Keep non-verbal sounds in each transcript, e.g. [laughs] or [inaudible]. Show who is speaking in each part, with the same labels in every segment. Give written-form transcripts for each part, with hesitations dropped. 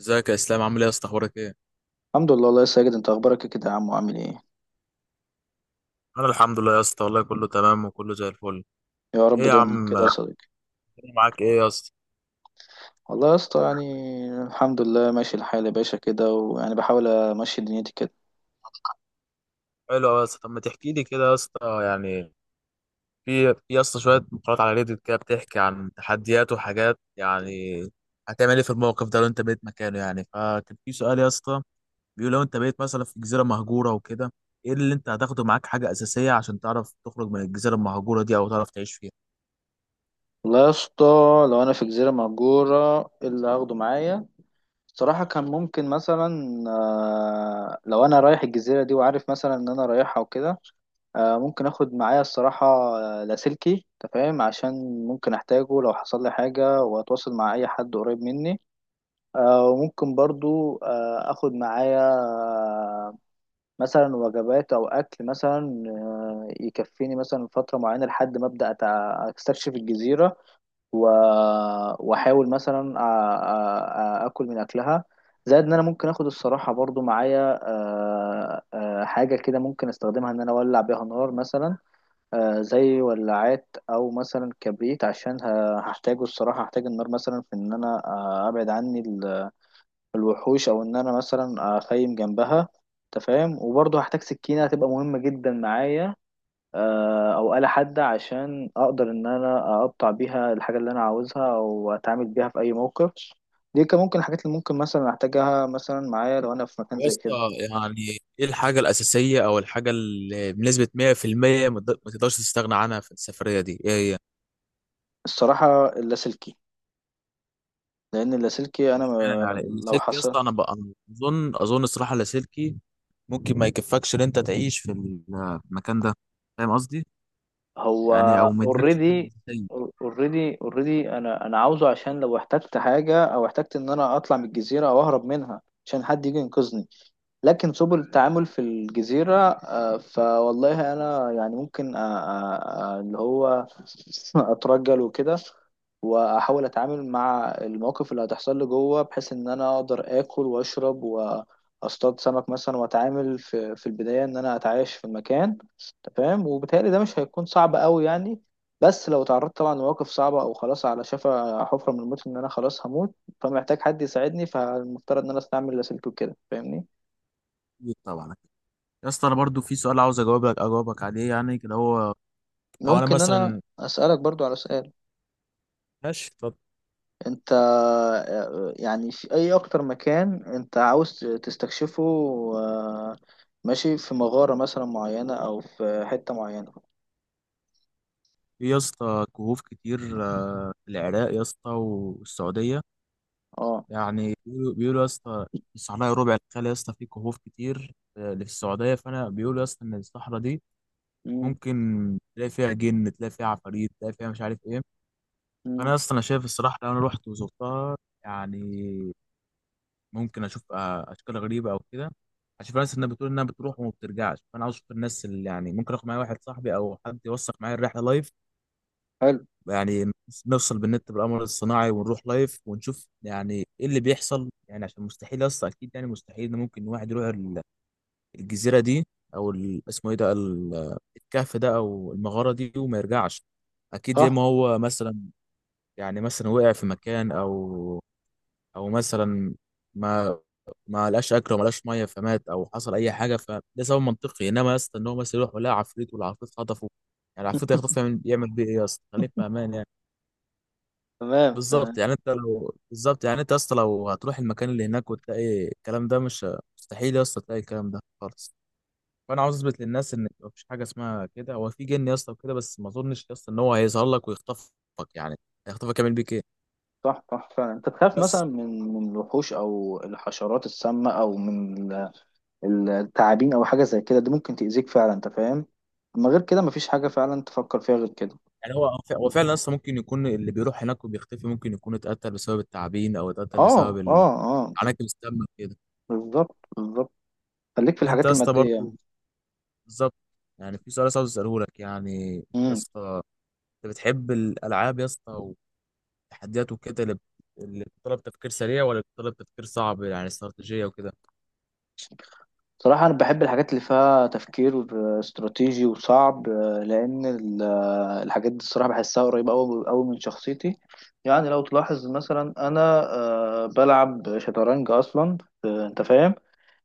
Speaker 1: ازيك يا اسلام؟ عامل ايه يا اسطى؟ اخبارك ايه؟
Speaker 2: الحمد لله، الله يا ساجد، انت اخبارك إيه كده يا عم وعامل ايه؟
Speaker 1: انا الحمد لله يا اسطى والله كله تمام وكله زي الفل.
Speaker 2: يا رب
Speaker 1: ايه يا
Speaker 2: دايما
Speaker 1: عم؟
Speaker 2: كده يا
Speaker 1: أنا
Speaker 2: صديقي.
Speaker 1: معاك، ايه يا اسطى؟
Speaker 2: والله يا اسطى، يعني الحمد لله ماشي الحال يا باشا كده، ويعني بحاول امشي دنيتي كده.
Speaker 1: حلو أوي يا اسطى. طب ما تحكي لي كده يا اسطى، يعني في يا اسطى شويه مقالات على ريديت كده بتحكي عن تحديات وحاجات، يعني هتعمل ايه في الموقف ده لو انت بقيت مكانه؟ يعني فكان في سؤال يا اسطى بيقول: لو انت بقيت مثلا في جزيره مهجوره وكده، ايه اللي انت هتاخده معاك حاجه اساسيه عشان تعرف تخرج من الجزيره المهجوره دي او تعرف تعيش فيها؟
Speaker 2: والله يا اسطى، لو انا في جزيره مهجوره ايه اللي هاخده معايا؟ صراحه كان ممكن مثلا لو انا رايح الجزيره دي وعارف مثلا ان انا رايحها وكده. ممكن اخد معايا الصراحه لاسلكي، انت فاهم، عشان ممكن احتاجه لو حصل لي حاجه واتواصل مع اي حد قريب مني. وممكن برضو اخد معايا مثلا وجبات او اكل مثلا يكفيني مثلا فتره معينه لحد ما ابدا استكشف الجزيره. و- واحاول مثلا اكل من اكلها. زائد ان انا ممكن اخد الصراحه برضو معايا حاجه كده ممكن استخدمها ان انا اولع بيها نار مثلا. زي ولاعات او مثلا كبريت عشان هحتاجه، الصراحه هحتاج النار مثلا في ان انا ابعد عني الوحوش، او ان انا مثلا اخيم جنبها، انت فاهم. وبرضه هحتاج سكينه هتبقى مهمه جدا معايا، او آلة حادة عشان اقدر ان انا اقطع بيها الحاجه اللي انا عاوزها، او اتعامل بيها في اي موقف. دي كان ممكن الحاجات اللي ممكن مثلا احتاجها مثلا معايا لو انا في مكان
Speaker 1: يا
Speaker 2: زي
Speaker 1: اسطى،
Speaker 2: كده.
Speaker 1: يعني ايه الحاجة الأساسية أو الحاجة اللي بنسبة 100% ما تقدرش تستغنى عنها في السفرية دي؟ إيه هي؟
Speaker 2: الصراحه اللاسلكي، لان اللاسلكي انا
Speaker 1: واشمعنى
Speaker 2: ما-
Speaker 1: يعني
Speaker 2: لو
Speaker 1: اللاسلكي يا
Speaker 2: حصل،
Speaker 1: اسطى؟ أنا بقى أنا أظن الصراحة اللاسلكي ممكن ما يكفكش إن أنت تعيش في المكان ده. فاهم قصدي؟
Speaker 2: هو
Speaker 1: يعني أو ما يدركش حاجة
Speaker 2: اوريدي
Speaker 1: أساسية.
Speaker 2: اوريدي. انا عاوزه، عشان لو احتجت حاجه او احتجت ان انا اطلع من الجزيره او اهرب منها، عشان حد يجي ينقذني. لكن سبل التعامل في الجزيرة، فوالله أنا يعني ممكن اللي هو [laughs] أترجل وكده، وأحاول أتعامل مع المواقف اللي هتحصل لي جوه، بحيث إن أنا أقدر آكل وأشرب وأصطاد سمك مثلا، وأتعامل في البداية إن أنا أتعايش في المكان، أنت فاهم، وبالتهيألي ده مش هيكون صعب أوي يعني. بس لو تعرضت طبعا لمواقف صعبة، أو خلاص على شفا حفرة من الموت إن أنا خلاص هموت، فمحتاج حد يساعدني، فالمفترض إن أنا أستعمل لاسلكي وكده، فاهمني؟
Speaker 1: أكيد طبعا. يا اسطى أنا برضو في سؤال عاوز أجاوبك عليه يعني كده. هو لو أنا
Speaker 2: ممكن انا
Speaker 1: مثلا،
Speaker 2: اسالك برضو على سؤال؟
Speaker 1: ماشي اتفضل.
Speaker 2: انت يعني في اي اكتر مكان انت عاوز تستكشفه؟ آه، ماشي، في مغارة مثلا معينة او في حتة معينة؟
Speaker 1: في يا اسطى كهوف كتير في العراق يا اسطى والسعودية.
Speaker 2: اه.
Speaker 1: يعني بيقولوا يا اسطى الصحراء ربع الخالي يا اسطى فيه كهوف كتير اللي في السعودية، فأنا بيقولوا يا اسطى إن الصحراء دي
Speaker 2: امم.
Speaker 1: ممكن تلاقي فيها جن، تلاقي فيها عفاريت، تلاقي فيها مش عارف إيه. فأنا
Speaker 2: امم.
Speaker 1: يا اسطى أنا شايف الصراحة لو أنا رحت وزرتها، يعني ممكن أشوف أشكال غريبة أو كده، هشوف ناس إنها بتقول إنها بتروح وما بترجعش. فأنا عاوز أشوف الناس اللي يعني ممكن آخد معايا واحد صاحبي أو حد يوثق معايا الرحلة لايف،
Speaker 2: حلو.
Speaker 1: يعني نفصل بالنت بالقمر الصناعي ونروح لايف ونشوف يعني ايه اللي بيحصل. يعني عشان مستحيل اصلا، اكيد يعني مستحيل ان ممكن واحد يروح الجزيره دي او اسمه ايه ده الكهف ده او المغاره دي وما يرجعش. اكيد يا
Speaker 2: صح.
Speaker 1: اما هو مثلا، يعني مثلا وقع في مكان او مثلا ما ما لقاش اكل وما لقاش ميه فمات او حصل اي حاجه، فده سبب منطقي. انما يا اسطى ان هو مثلا يروح ولا عفريت والعفريت خطفه، يعني العفريت هيخطف يعمل بيه ايه يا اسطى؟ خليك في
Speaker 2: [laughs]
Speaker 1: امان يعني.
Speaker 2: تمام،
Speaker 1: بالظبط.
Speaker 2: تمام.
Speaker 1: يعني انت لو بالظبط، يعني انت يا اسطى لو هتروح المكان اللي هناك وتلاقي الكلام ده مش مستحيل يا اسطى، تلاقي الكلام ده خالص. فانا عاوز اثبت للناس ان مفيش حاجه اسمها كده. هو في جن يا اسطى وكده، بس ما اظنش يا اسطى ان هو هيظهر لك ويخطفك. يعني هيخطفك يعمل بيك ايه؟
Speaker 2: صح، صح، فعلا انت تخاف مثلا
Speaker 1: بس.
Speaker 2: من الوحوش او الحشرات السامة او من التعابين او حاجة زي كده، دي ممكن تأذيك فعلا، انت فاهم. اما غير كده مفيش حاجة فعلا تفكر فيها غير كده.
Speaker 1: يعني هو فعلا يا اسطى ممكن يكون اللي بيروح هناك وبيختفي ممكن يكون اتقتل بسبب التعابين او اتقتل
Speaker 2: اه،
Speaker 1: بسبب
Speaker 2: اه، اه،
Speaker 1: عناكب السم كده.
Speaker 2: بالظبط، بالظبط، خليك في
Speaker 1: انت يا
Speaker 2: الحاجات
Speaker 1: اسطى
Speaker 2: المادية.
Speaker 1: برضه، بالظبط. يعني في سؤال بس عاوز اساله لك يعني. يا
Speaker 2: امم.
Speaker 1: اسطى انت بتحب الالعاب يا اسطى، التحديات وكده، اللي بتطلب تفكير سريع ولا بتطلب تفكير صعب يعني استراتيجية وكده؟
Speaker 2: صراحة أنا بحب الحاجات اللي فيها تفكير استراتيجي وصعب، لأن الحاجات دي الصراحة بحسها قريبة أوي أوي من شخصيتي. يعني لو تلاحظ مثلا أنا بلعب شطرنج أصلا، أنت فاهم.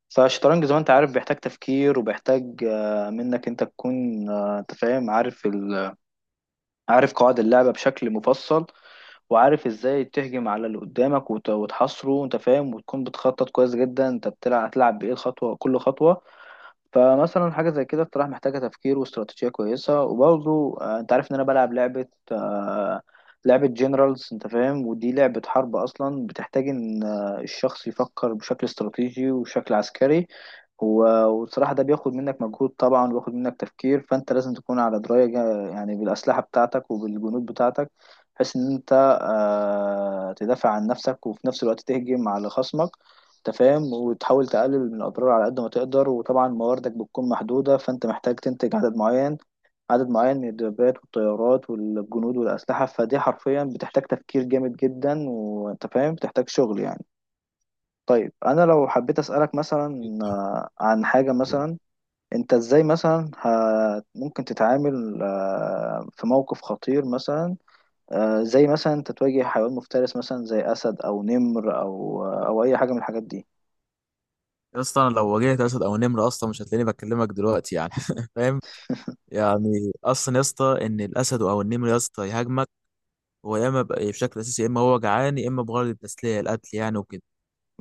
Speaker 2: فالشطرنج زي ما أنت عارف بيحتاج تفكير وبيحتاج منك أنت تكون أنت فاهم، عارف عارف قواعد اللعبة بشكل مفصل، وعارف ازاي تهجم على اللي قدامك وتحاصره، انت فاهم، وتكون بتخطط كويس جدا، انت بتلعب هتلعب بايه الخطوه كل خطوه. فمثلا حاجة زي كده بصراحة محتاجة تفكير واستراتيجية كويسة، وبرضه انت عارف ان انا بلعب آه، لعبة جنرالز، انت فاهم، ودي لعبة حرب اصلا بتحتاج ان الشخص يفكر بشكل استراتيجي وبشكل عسكري. وبصراحة ده بياخد منك مجهود طبعا، وبياخد منك تفكير، فانت لازم تكون على دراية يعني بالأسلحة بتاعتك وبالجنود بتاعتك، بحيث ان انت تدافع عن نفسك وفي نفس الوقت تهجم على خصمك، انت فاهم، وتحاول تقلل من الاضرار على قد ما تقدر. وطبعا مواردك بتكون محدوده، فانت محتاج تنتج عدد معين من الدبابات والطيارات والجنود والاسلحه، فدي حرفيا بتحتاج تفكير جامد جدا، وانت فاهم، بتحتاج شغل يعني. طيب انا لو حبيت اسالك مثلا عن حاجه مثلا، انت ازاي مثلا ممكن تتعامل في موقف خطير مثلا، زي مثلا انت تواجه حيوان مفترس مثلا زي اسد او نمر او اي حاجه من الحاجات دي؟
Speaker 1: يا اسطى انا لو واجهت اسد او نمر اصلا مش هتلاقيني بكلمك دلوقتي يعني [laughs] فاهم؟ يعني اصلا يا اسطى ان الاسد او النمر يا اسطى يهاجمك، هو يا اما بشكل اساسي يا اما هو جعان يا اما بغرض التسليه القتل يعني وكده.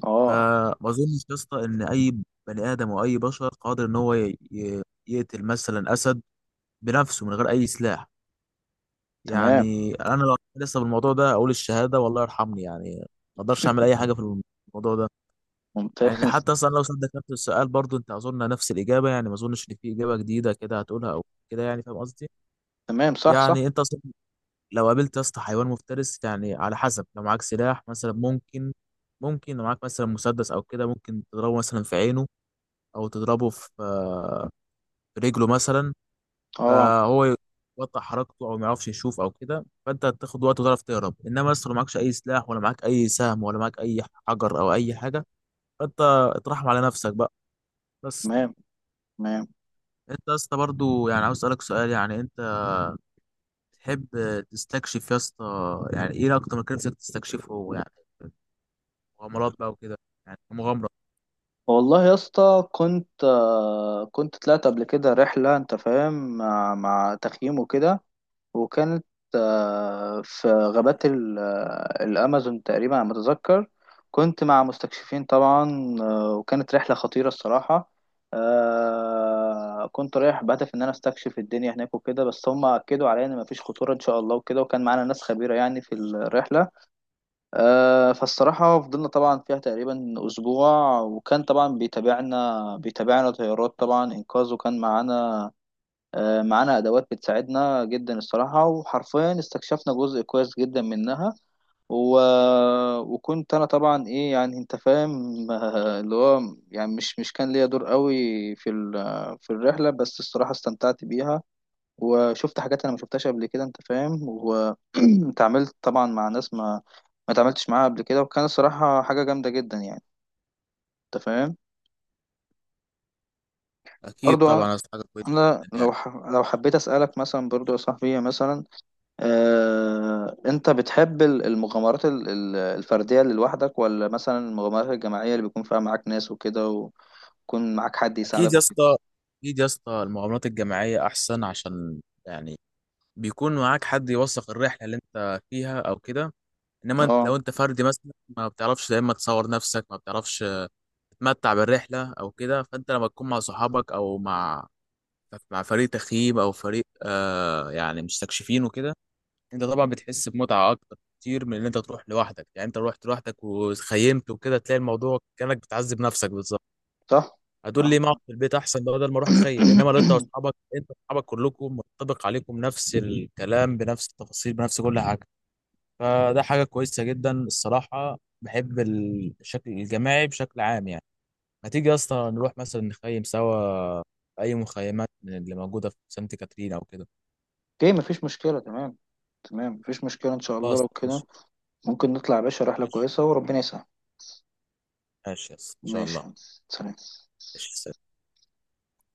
Speaker 2: اه،
Speaker 1: فما اظنش يا اسطى ان اي بني ادم او اي بشر قادر ان هو يقتل مثلا اسد بنفسه من غير اي سلاح.
Speaker 2: تمام.
Speaker 1: يعني انا لو لسه بالموضوع ده اقول الشهاده والله يرحمني يعني. ما اقدرش اعمل
Speaker 2: [laughs]
Speaker 1: اي حاجه في الموضوع ده. يعني
Speaker 2: ممتاز.
Speaker 1: حتى اصلا لو سالتك نفس السؤال برضو انت اظن نفس الاجابه، يعني ما اظنش ان في اجابه جديده كده هتقولها او كده. يعني فاهم قصدي؟
Speaker 2: تمام. صح، صح.
Speaker 1: يعني انت اصلا لو قابلت يا اسطى حيوان مفترس يعني على حسب، لو معاك سلاح مثلا ممكن، لو معاك مثلا مسدس او كده ممكن تضربه مثلا في عينه او تضربه في في رجله مثلا.
Speaker 2: اه،
Speaker 1: فهو يقطع حركته او ما يعرفش يشوف او كده، فانت هتاخد وقت وتعرف تهرب. انما لسه لو معكش اي سلاح ولا معاك اي سهم ولا معاك اي حجر او اي حاجه، فانت اترحم على نفسك بقى بس.
Speaker 2: تمام، تمام.
Speaker 1: انت يا اسطى برضه، يعني عاوز اسالك سؤال، يعني انت تحب تستكشف يا اسطى؟ يعني ايه اكتر مكان نفسك تستكشفه؟ يعني مغامرات بقى وكده، يعني مغامره.
Speaker 2: والله يا اسطى، كنت طلعت قبل كده رحلة، انت فاهم، مع تخييم وكده، وكانت في غابات الأمازون تقريبا على ما أتذكر. كنت مع مستكشفين طبعا، وكانت رحلة خطيرة الصراحة. كنت رايح بهدف إن أنا أستكشف الدنيا هناك وكده، بس هم أكدوا عليا إن مفيش خطورة إن شاء الله وكده، وكان معانا ناس خبيرة يعني في الرحلة. فالصراحة فضلنا طبعا فيها تقريبا أسبوع، وكان طبعا بيتابعنا طيارات طبعا إنقاذ، وكان معانا أدوات بتساعدنا جدا الصراحة، وحرفيا استكشفنا جزء كويس جدا منها. و... وكنت أنا طبعا إيه، يعني أنت فاهم، [laughs] اللي هو يعني مش كان ليا دور قوي في ال... في الرحلة، بس الصراحة استمتعت بيها، وشفت حاجات انا ما شفتهاش قبل كده، انت فاهم، واتعاملت [clears throat] طبعا مع ناس ما اتعاملتش معاها قبل كده، وكان الصراحة حاجة جامدة جدا يعني، انت فاهم.
Speaker 1: اكيد
Speaker 2: برضو،
Speaker 1: طبعا يا اسطى حاجه كويسه
Speaker 2: انا
Speaker 1: جدا يعني.
Speaker 2: لو حبيت اسالك مثلا برضو يا صاحبي مثلا، انت بتحب المغامرات الفردية اللي لوحدك، ولا مثلا المغامرات الجماعية اللي بيكون فيها معاك ناس وكده، ويكون معاك حد
Speaker 1: اكيد
Speaker 2: يساعدك
Speaker 1: يا
Speaker 2: وكده؟
Speaker 1: اسطى اكيد يا اسطى المغامرات الجماعيه احسن، عشان يعني بيكون معاك حد يوثق الرحله اللي انت فيها او كده. انما
Speaker 2: اه،
Speaker 1: لو انت فردي مثلا، ما بتعرفش يا اما تصور نفسك، ما بتعرفش تتمتع بالرحله او كده. فانت لما تكون مع صحابك او مع فريق تخييم او فريق آه يعني مستكشفين وكده، انت طبعا بتحس بمتعه اكتر كتير من ان انت تروح لوحدك. يعني انت رحت لوحدك وخيمت وكده تلاقي الموضوع كانك بتعذب نفسك بالظبط.
Speaker 2: صح،
Speaker 1: هتقول لي ما اقعد
Speaker 2: صح.
Speaker 1: في البيت احسن بدل ما اروح اخيم. انما لو انت
Speaker 2: [clears throat] [coughs]
Speaker 1: واصحابك، كلكم منطبق عليكم نفس الكلام بنفس التفاصيل بنفس كل حاجه، فده حاجة كويسة جدا. الصراحة بحب الشكل الجماعي بشكل عام يعني. ما تيجي يا اسطى نروح مثلا نخيم سوا في أي مخيمات من اللي موجودة في سانت كاترين أو كده؟
Speaker 2: اوكي، مفيش مشكلة. تمام، تمام، مفيش مشكلة ان شاء الله
Speaker 1: خلاص،
Speaker 2: لو كده.
Speaker 1: ماشي.
Speaker 2: ممكن نطلع يا باشا رحلة
Speaker 1: ماشي،
Speaker 2: كويسة وربنا يسهل.
Speaker 1: ماشي يا اسطى إن شاء
Speaker 2: ماشي
Speaker 1: الله.
Speaker 2: يا هندسة. سلام.
Speaker 1: ماشي، سلام.